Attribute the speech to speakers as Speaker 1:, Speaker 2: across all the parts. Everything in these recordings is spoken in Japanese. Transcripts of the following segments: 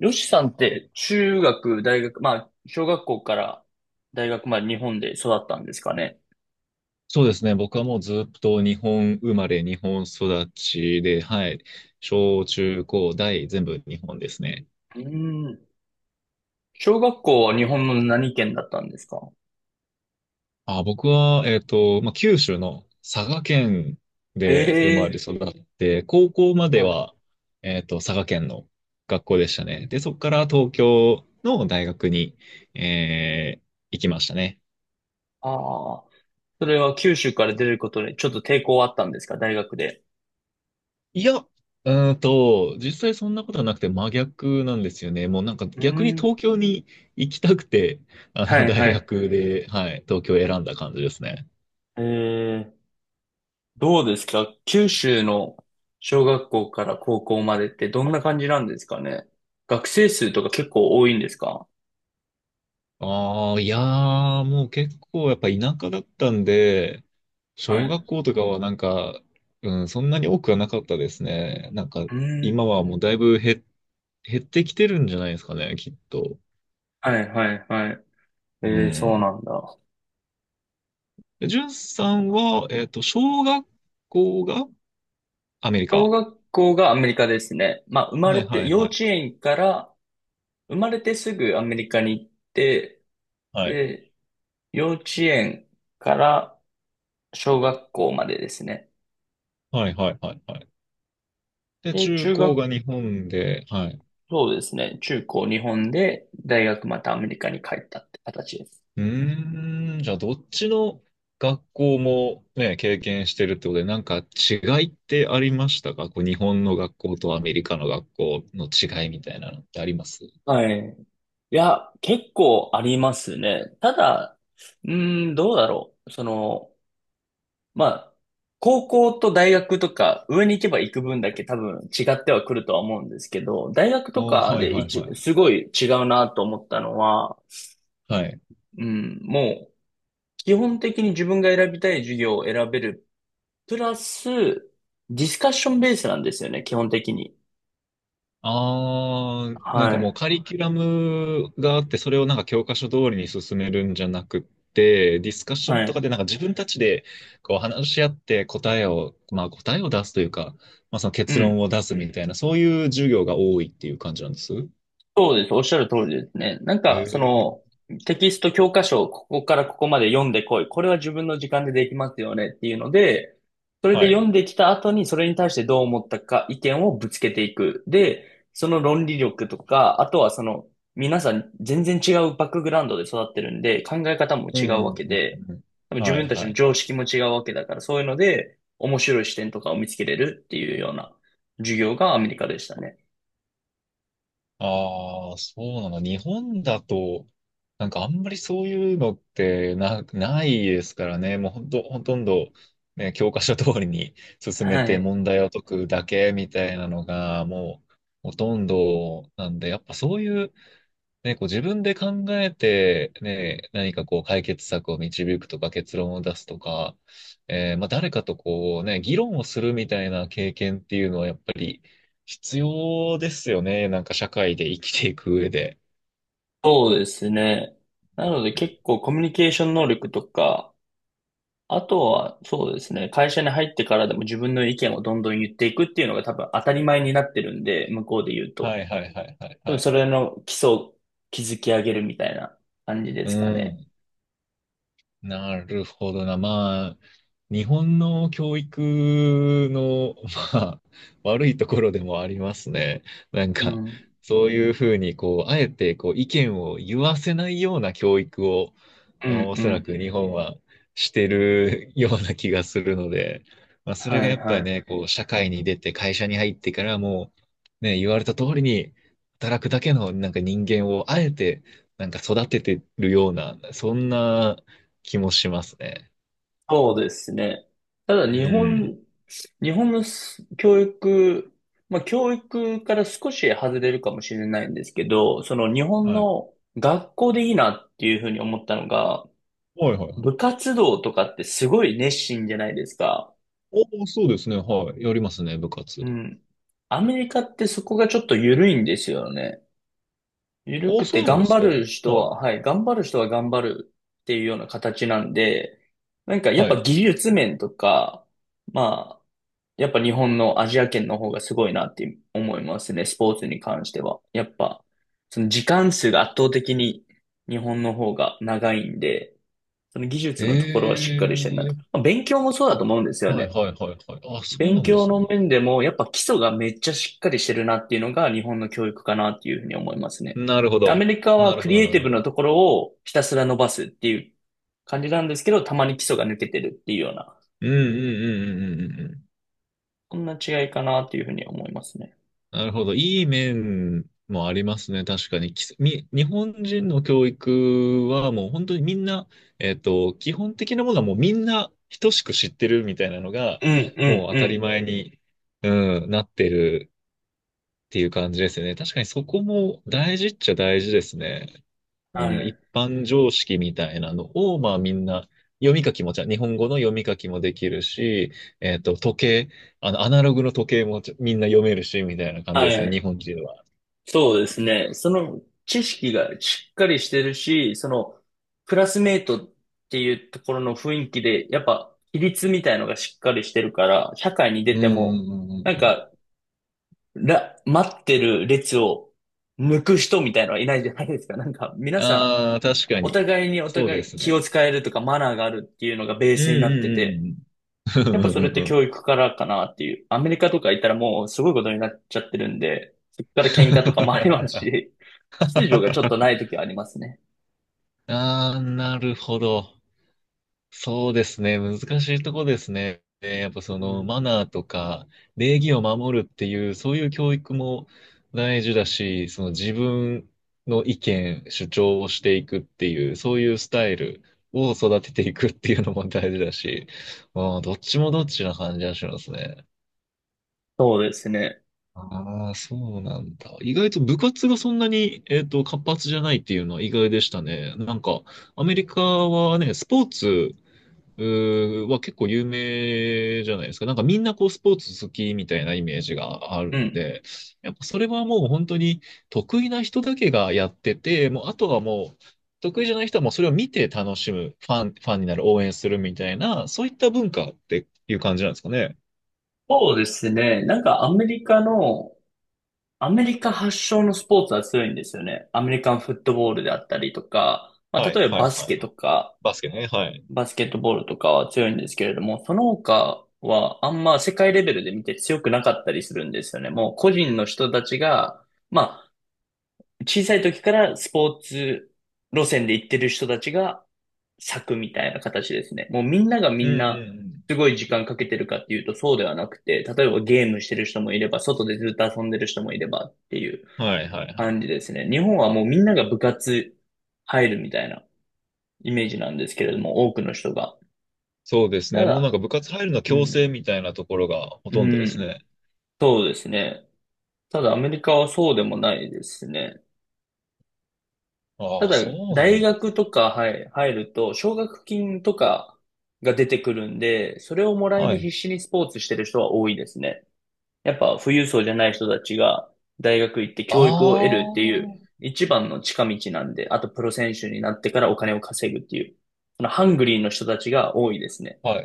Speaker 1: よしさんって中学、大学、小学校から大学まで日本で育ったんですかね。
Speaker 2: そうですね。僕はもうずっと日本生まれ、日本育ちで、はい。小中高大全部日本ですね。
Speaker 1: うーん。小学校は日本の何県だったんですか？
Speaker 2: あ、僕は、まあ、九州の佐賀県
Speaker 1: へ
Speaker 2: で生まれ
Speaker 1: え。
Speaker 2: 育って、高校まで
Speaker 1: はい。
Speaker 2: は、佐賀県の学校でしたね。で、そこから東京の大学に、えー行きましたね。
Speaker 1: ああ。それは九州から出ることでちょっと抵抗あったんですか、大学で。
Speaker 2: いや、実際そんなことはなくて真逆なんですよね。もうなんか
Speaker 1: うー
Speaker 2: 逆に東
Speaker 1: ん。
Speaker 2: 京に行きたくて、あ
Speaker 1: は
Speaker 2: の
Speaker 1: いは
Speaker 2: 大
Speaker 1: い。
Speaker 2: 学で、はい、東京を選んだ感じですね。
Speaker 1: ええ。どうですか、九州の小学校から高校までってどんな感じなんですかね。学生数とか結構多いんですか？
Speaker 2: ああ、いやー、もう結構やっぱ田舎だったんで、
Speaker 1: はい。
Speaker 2: 小
Speaker 1: う
Speaker 2: 学校とかはなんか、うん、そんなに多くはなかったですね。なんか
Speaker 1: ーん。
Speaker 2: 今はもうだいぶ減ってきてるんじゃないですかね、きっと。
Speaker 1: はいはいはい。
Speaker 2: う
Speaker 1: ええ、そうな
Speaker 2: ん。
Speaker 1: んだ。
Speaker 2: で、んさんは、小学校がアメリ
Speaker 1: 小
Speaker 2: カ。
Speaker 1: 学校がアメリカですね。まあ、生ま
Speaker 2: は
Speaker 1: れ
Speaker 2: い
Speaker 1: て、
Speaker 2: はい
Speaker 1: 幼
Speaker 2: はい。
Speaker 1: 稚園から、生まれてすぐアメリカに行って、
Speaker 2: はい。
Speaker 1: で、幼稚園から小学校までですね。
Speaker 2: はいはいはいはい。で、
Speaker 1: で、
Speaker 2: 中
Speaker 1: 中
Speaker 2: 高が
Speaker 1: 学、
Speaker 2: 日本で、はい。
Speaker 1: そうですね。中高日本で、大学またアメリカに帰ったって形です。
Speaker 2: うーん、じゃあどっちの学校もね、経験してるってことで、なんか違いってありましたか、こう日本の学校とアメリカの学校の違いみたいなのってあります？
Speaker 1: はい。いや、結構ありますね。ただ、うーん、どうだろう。その、まあ、高校と大学とか、上に行けば行く分だけ多分違ってはくるとは思うんですけど、大学
Speaker 2: ああ
Speaker 1: と
Speaker 2: ー、
Speaker 1: か
Speaker 2: はい
Speaker 1: で
Speaker 2: はい
Speaker 1: 一、
Speaker 2: はい。
Speaker 1: すごい違うなと思ったのは、うん、もう、基本的に自分が選びたい授業を選べる。プラス、ディスカッションベースなんですよね、基本的に。
Speaker 2: ああ、なん
Speaker 1: は
Speaker 2: かもう
Speaker 1: い。
Speaker 2: カリキュラムがあって、それをなんか教科書通りに進めるんじゃなくって、ディスカッショ
Speaker 1: は
Speaker 2: ンと
Speaker 1: い。
Speaker 2: かでなんか自分たちでこう話し合って答えを、まあ答えを出すというか、まあその
Speaker 1: う
Speaker 2: 結
Speaker 1: ん。
Speaker 2: 論を出すみたいな、そういう授業が多いっていう感じなんです。へ
Speaker 1: そうです。おっしゃる通りですね。なんか、そ
Speaker 2: え、
Speaker 1: の、テキスト教科書、ここからここまで読んでこい。これは自分の時間でできますよねっていうので、それで
Speaker 2: はい。
Speaker 1: 読んできた後に、それに対してどう思ったか、意見をぶつけていく。で、その論理力とか、あとはその、皆さん全然違うバックグラウンドで育ってるんで、考え方も
Speaker 2: うん
Speaker 1: 違う
Speaker 2: う
Speaker 1: わ
Speaker 2: ん
Speaker 1: け
Speaker 2: うん
Speaker 1: で、
Speaker 2: うん。
Speaker 1: 多分自
Speaker 2: は
Speaker 1: 分
Speaker 2: い
Speaker 1: たち
Speaker 2: は
Speaker 1: の
Speaker 2: いは
Speaker 1: 常
Speaker 2: い。
Speaker 1: 識も違うわけだから、そういうので、面白い視点とかを見つけれるっていうような授業がアメリカでしたね。
Speaker 2: ああ、そうなの。日本だと、なんかあんまりそういうのってないですからね。もうほんと、ほとんど、ね、教科書通りに進め
Speaker 1: は
Speaker 2: て
Speaker 1: い。
Speaker 2: 問題を解くだけみたいなのが、もうほとんどなんで、やっぱそういうね、こう自分で考えて、ね、何かこう解決策を導くとか結論を出すとか、まあ、誰かとこうね、議論をするみたいな経験っていうのはやっぱり必要ですよね。なんか社会で生きていく上で。
Speaker 1: そうですね。なので結構コミュニケーション能力とか、あとはそうですね、会社に入ってからでも自分の意見をどんどん言っていくっていうのが多分当たり前になってるんで、向こうで言う
Speaker 2: は
Speaker 1: と。
Speaker 2: いはいはいはい
Speaker 1: 多分
Speaker 2: はい。
Speaker 1: それの基礎を築き上げるみたいな感じで
Speaker 2: う
Speaker 1: すかね。
Speaker 2: ん。なるほどな。まあ、日本の教育の、まあ、悪いところでもありますね。なん
Speaker 1: う
Speaker 2: か、
Speaker 1: ん。
Speaker 2: そういうふうに、こう、あえて、こう、意見を言わせないような教育を、
Speaker 1: う
Speaker 2: あ
Speaker 1: んう
Speaker 2: のおそらく
Speaker 1: ん。
Speaker 2: 日本はしてるような気がするので、まあ、それ
Speaker 1: は
Speaker 2: が
Speaker 1: い
Speaker 2: やっぱ
Speaker 1: は
Speaker 2: り
Speaker 1: い。
Speaker 2: ね、こう、社会に出て、会社に入ってからもね、言われた通りに、働くだけの、なんか人間を、あえて、なんか育ててるような、そんな、気もしますね。
Speaker 1: そうですね。ただ
Speaker 2: う
Speaker 1: 日
Speaker 2: ん。
Speaker 1: 本、日本のす教育、まあ教育から少し外れるかもしれないんですけど、その日本
Speaker 2: はい。
Speaker 1: の学校でいいなっていうふうに思ったのが、
Speaker 2: はいはいはい。
Speaker 1: 部活動とかってすごい熱心じゃないですか。
Speaker 2: お、そうですね。はい。やりますね、部活。
Speaker 1: うん。アメリカってそこがちょっと緩いんですよね。緩
Speaker 2: あ、
Speaker 1: く
Speaker 2: そ
Speaker 1: て
Speaker 2: うなんで
Speaker 1: 頑
Speaker 2: す
Speaker 1: 張
Speaker 2: か。は
Speaker 1: る
Speaker 2: い。
Speaker 1: 人は、はい、頑張る人は頑張るっていうような形なんで、なんかやっ
Speaker 2: は
Speaker 1: ぱ
Speaker 2: い。
Speaker 1: 技術面とか、まあ、やっぱ日本のアジア圏の方がすごいなって思いますね、スポーツに関しては。やっぱ、その時間数が圧倒的に日本の方が長いんで、その技術のところは
Speaker 2: え
Speaker 1: しっかりしてるな
Speaker 2: え
Speaker 1: と。
Speaker 2: ー、
Speaker 1: まあ勉強もそう
Speaker 2: あ、
Speaker 1: だと思うんですよ
Speaker 2: は
Speaker 1: ね。
Speaker 2: いはいはいはい。あ、そう
Speaker 1: 勉
Speaker 2: なんで
Speaker 1: 強
Speaker 2: す
Speaker 1: の
Speaker 2: ね。
Speaker 1: 面でも、やっぱ基礎がめっちゃしっかりしてるなっていうのが日本の教育かなっていうふうに思いますね。
Speaker 2: なるほ
Speaker 1: アメ
Speaker 2: ど。
Speaker 1: リカ
Speaker 2: な
Speaker 1: は
Speaker 2: る
Speaker 1: ク
Speaker 2: ほ
Speaker 1: リ
Speaker 2: ど、
Speaker 1: エイ
Speaker 2: な
Speaker 1: ティ
Speaker 2: るほ
Speaker 1: ブ
Speaker 2: ど。
Speaker 1: なところをひたすら伸ばすっていう感じなんですけど、たまに基礎が抜けてるっていうような、
Speaker 2: うんうんうんうんうんうんうん。
Speaker 1: こんな違いかなっていうふうに思いますね。
Speaker 2: なるほど。いい面もありますね。確かに。きみ、日本人の教育はもう本当にみんな、基本的なものはもうみんな等しく知ってるみたいなのが、
Speaker 1: うん、うん、
Speaker 2: もう当
Speaker 1: う
Speaker 2: たり
Speaker 1: ん。
Speaker 2: 前に、うん、なってるっていう感じですよね。確かにそこも大事っちゃ大事ですね。う
Speaker 1: は
Speaker 2: ん、一
Speaker 1: い。
Speaker 2: 般常識みたいなのを、まあみんな、読み書きもちゃん、日本語の読み書きもできるし、時計、あの、アナログの時計もちゃみんな読めるし、みたいな感じ
Speaker 1: は
Speaker 2: ですよ、日
Speaker 1: い。
Speaker 2: 本人は。
Speaker 1: そうですね。その知識がしっかりしてるし、そのクラスメイトっていうところの雰囲気で、やっぱ比率みたいのがしっかりしてるから、社会に出
Speaker 2: うん
Speaker 1: て
Speaker 2: う
Speaker 1: も、
Speaker 2: んう
Speaker 1: な
Speaker 2: ん
Speaker 1: ん
Speaker 2: うん、
Speaker 1: から、待ってる列を抜く人みたいのはいないじゃないですか。なんか、皆さん、
Speaker 2: ああ、確か
Speaker 1: お
Speaker 2: に。
Speaker 1: 互いにお
Speaker 2: そう
Speaker 1: 互
Speaker 2: で
Speaker 1: い
Speaker 2: す
Speaker 1: 気を
Speaker 2: ね。
Speaker 1: 使えるとかマナーがあるっていうのがベー
Speaker 2: うん
Speaker 1: スになって
Speaker 2: う
Speaker 1: て、
Speaker 2: んうんうん。
Speaker 1: やっぱ
Speaker 2: うん
Speaker 1: そ
Speaker 2: うん
Speaker 1: れって
Speaker 2: うんうん。
Speaker 1: 教育からかなっていう。アメリカとか行ったらもうすごいことになっちゃってるんで、そこから喧嘩とかもありますし、秩序がちょっとない時はありますね。
Speaker 2: ああ、なるほど。そうですね。難しいとこですね。やっぱそ
Speaker 1: う
Speaker 2: のマ
Speaker 1: ん。
Speaker 2: ナーとか礼儀を守るっていう、そういう教育も大事だし、その自分の意見、主張をしていくっていう、そういうスタイルを育てていくっていうのも大事だし、あー、どっちもどっちな感じがしますね。
Speaker 1: そうですね。
Speaker 2: ああ、そうなんだ。意外と部活がそんなに、活発じゃないっていうのは意外でしたね。なんか、アメリカはね、スポーツうは結構有名じゃないですか。なんかみんなこうスポーツ好きみたいなイメージがある
Speaker 1: う
Speaker 2: ん
Speaker 1: ん。
Speaker 2: で、やっぱそれはもう本当に得意な人だけがやってて、もうあとはもう得意じゃない人はもうそれを見て楽しむ、ファンになる、応援するみたいな、そういった文化っていう感じなんですかね。
Speaker 1: そうですね。なんかアメリカの、アメリカ発祥のスポーツは強いんですよね。アメリカンフットボールであったりとか、まあ、
Speaker 2: はい、
Speaker 1: 例えば
Speaker 2: はい、
Speaker 1: バス
Speaker 2: はい。
Speaker 1: ケとか、
Speaker 2: バスケね、はい。
Speaker 1: バスケットボールとかは強いんですけれども、その他はあんま世界レベルで見て強くなかったりするんですよね。もう個人の人たちが、まあ、小さい時からスポーツ路線で行ってる人たちが咲くみたいな形ですね。もうみんなが
Speaker 2: う
Speaker 1: み
Speaker 2: ん、
Speaker 1: んな、
Speaker 2: うん、
Speaker 1: すごい時間かけてるかっていうとそうではなくて、例えばゲームしてる人もいれば、外でずっと遊んでる人もいればっていう
Speaker 2: うん。はいはいはい。
Speaker 1: 感じですね。日本はもうみんなが部活入るみたいなイメージなんですけれども、多くの人が。
Speaker 2: そうです
Speaker 1: た
Speaker 2: ね。もうなん
Speaker 1: だ、
Speaker 2: か部活入るの
Speaker 1: う
Speaker 2: 強制
Speaker 1: ん、
Speaker 2: みたいなところがほ
Speaker 1: う
Speaker 2: とんどです
Speaker 1: ん、
Speaker 2: ね。
Speaker 1: そうですね。ただアメリカはそうでもないですね。た
Speaker 2: ああ、
Speaker 1: だ、
Speaker 2: そうな
Speaker 1: 大
Speaker 2: んです
Speaker 1: 学
Speaker 2: ね。
Speaker 1: とか、はい、入ると、奨学金とかが出てくるんで、それをもらい
Speaker 2: は
Speaker 1: に必
Speaker 2: い。
Speaker 1: 死にスポーツしてる人は多いですね。やっぱ富裕層じゃない人たちが大学行って
Speaker 2: あ
Speaker 1: 教育を得るっていう
Speaker 2: あ、
Speaker 1: 一番の近道なんで、あとプロ選手になってからお金を稼ぐっていう、そのハングリーの人たちが多いですね。
Speaker 2: はい。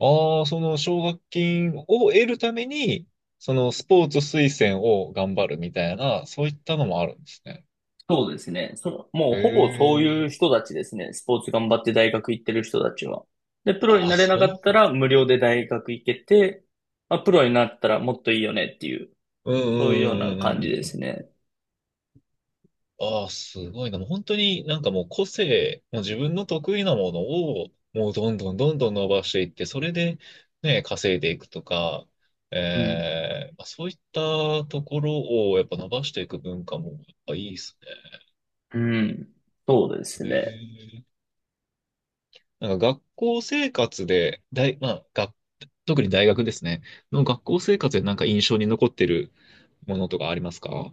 Speaker 2: ああ、その奨学金を得るために、そのスポーツ推薦を頑張るみたいな、そういったのもあるんですね。
Speaker 1: そうですね。その、もう
Speaker 2: へ
Speaker 1: ほぼそういう
Speaker 2: え。
Speaker 1: 人たちですね。スポーツ頑張って大学行ってる人たちは。で、プロに
Speaker 2: ああ、
Speaker 1: なれなかっ
Speaker 2: そう
Speaker 1: た
Speaker 2: で
Speaker 1: ら
Speaker 2: す。
Speaker 1: 無料で大学行けて、まあ、プロになったらもっといいよねっていう、
Speaker 2: うんうん
Speaker 1: そういうよ
Speaker 2: う
Speaker 1: うな
Speaker 2: んう
Speaker 1: 感
Speaker 2: ん
Speaker 1: じで
Speaker 2: うんう
Speaker 1: す
Speaker 2: ん。
Speaker 1: ね。
Speaker 2: ああ、すごいな。もう本当になんかもう個性、もう自分の得意なものを、もうどんどんどんどん伸ばしていって、それでね、稼いでいくとか、え
Speaker 1: うん。
Speaker 2: まあそういったところをやっぱ伸ばしていく文化もやっぱいいですね。
Speaker 1: うん。そうです
Speaker 2: へ
Speaker 1: ね。
Speaker 2: え。なんか学校生活で、まあ、特に大学ですね。の学校生活でなんか印象に残ってるものとかありますか？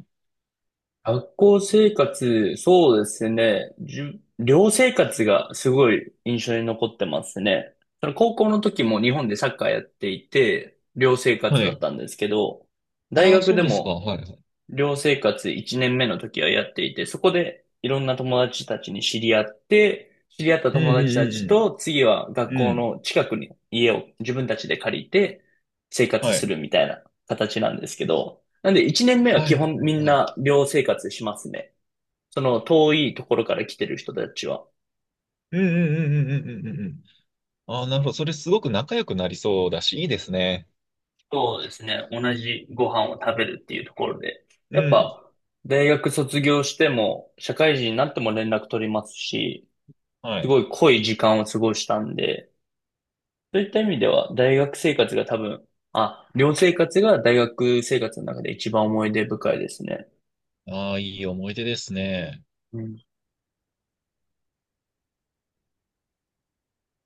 Speaker 1: 学校生活、そうですね。じゅ寮生活がすごい印象に残ってますね。その高校の時も日本でサッカーやっていて、寮生活
Speaker 2: は
Speaker 1: だっ
Speaker 2: い。
Speaker 1: たんですけど、大
Speaker 2: ああ、
Speaker 1: 学
Speaker 2: そう
Speaker 1: で
Speaker 2: ですか。
Speaker 1: も
Speaker 2: はいはい。
Speaker 1: 寮生活1年目の時はやっていて、そこでいろんな友達たちに知り合って、知り合った
Speaker 2: うん
Speaker 1: 友達たち
Speaker 2: うん
Speaker 1: と次は学
Speaker 2: うんうん。う
Speaker 1: 校
Speaker 2: ん。
Speaker 1: の近くに家を自分たちで借りて生活
Speaker 2: は
Speaker 1: す
Speaker 2: い。
Speaker 1: るみたいな形なんですけど、なんで1年目は
Speaker 2: は
Speaker 1: 基
Speaker 2: いはい
Speaker 1: 本みん
Speaker 2: はい。
Speaker 1: な寮生活しますね。その遠いところから来てる人たちは。
Speaker 2: うんうんうんうんうんうんうん。ああ、なるほど。それすごく仲良くなりそうだし、いいですね。
Speaker 1: そうですね。同じご飯を食べるっていうところで。
Speaker 2: う
Speaker 1: やっ
Speaker 2: ん。
Speaker 1: ぱ大学卒業しても社会人になっても連絡取りますし、
Speaker 2: は
Speaker 1: す
Speaker 2: い。
Speaker 1: ごい濃い時間を過ごしたんで、そういった意味では大学生活が多分、あ、寮生活が大学生活の中で一番思い出深いですね。
Speaker 2: ああ、いい思い出ですね。
Speaker 1: うん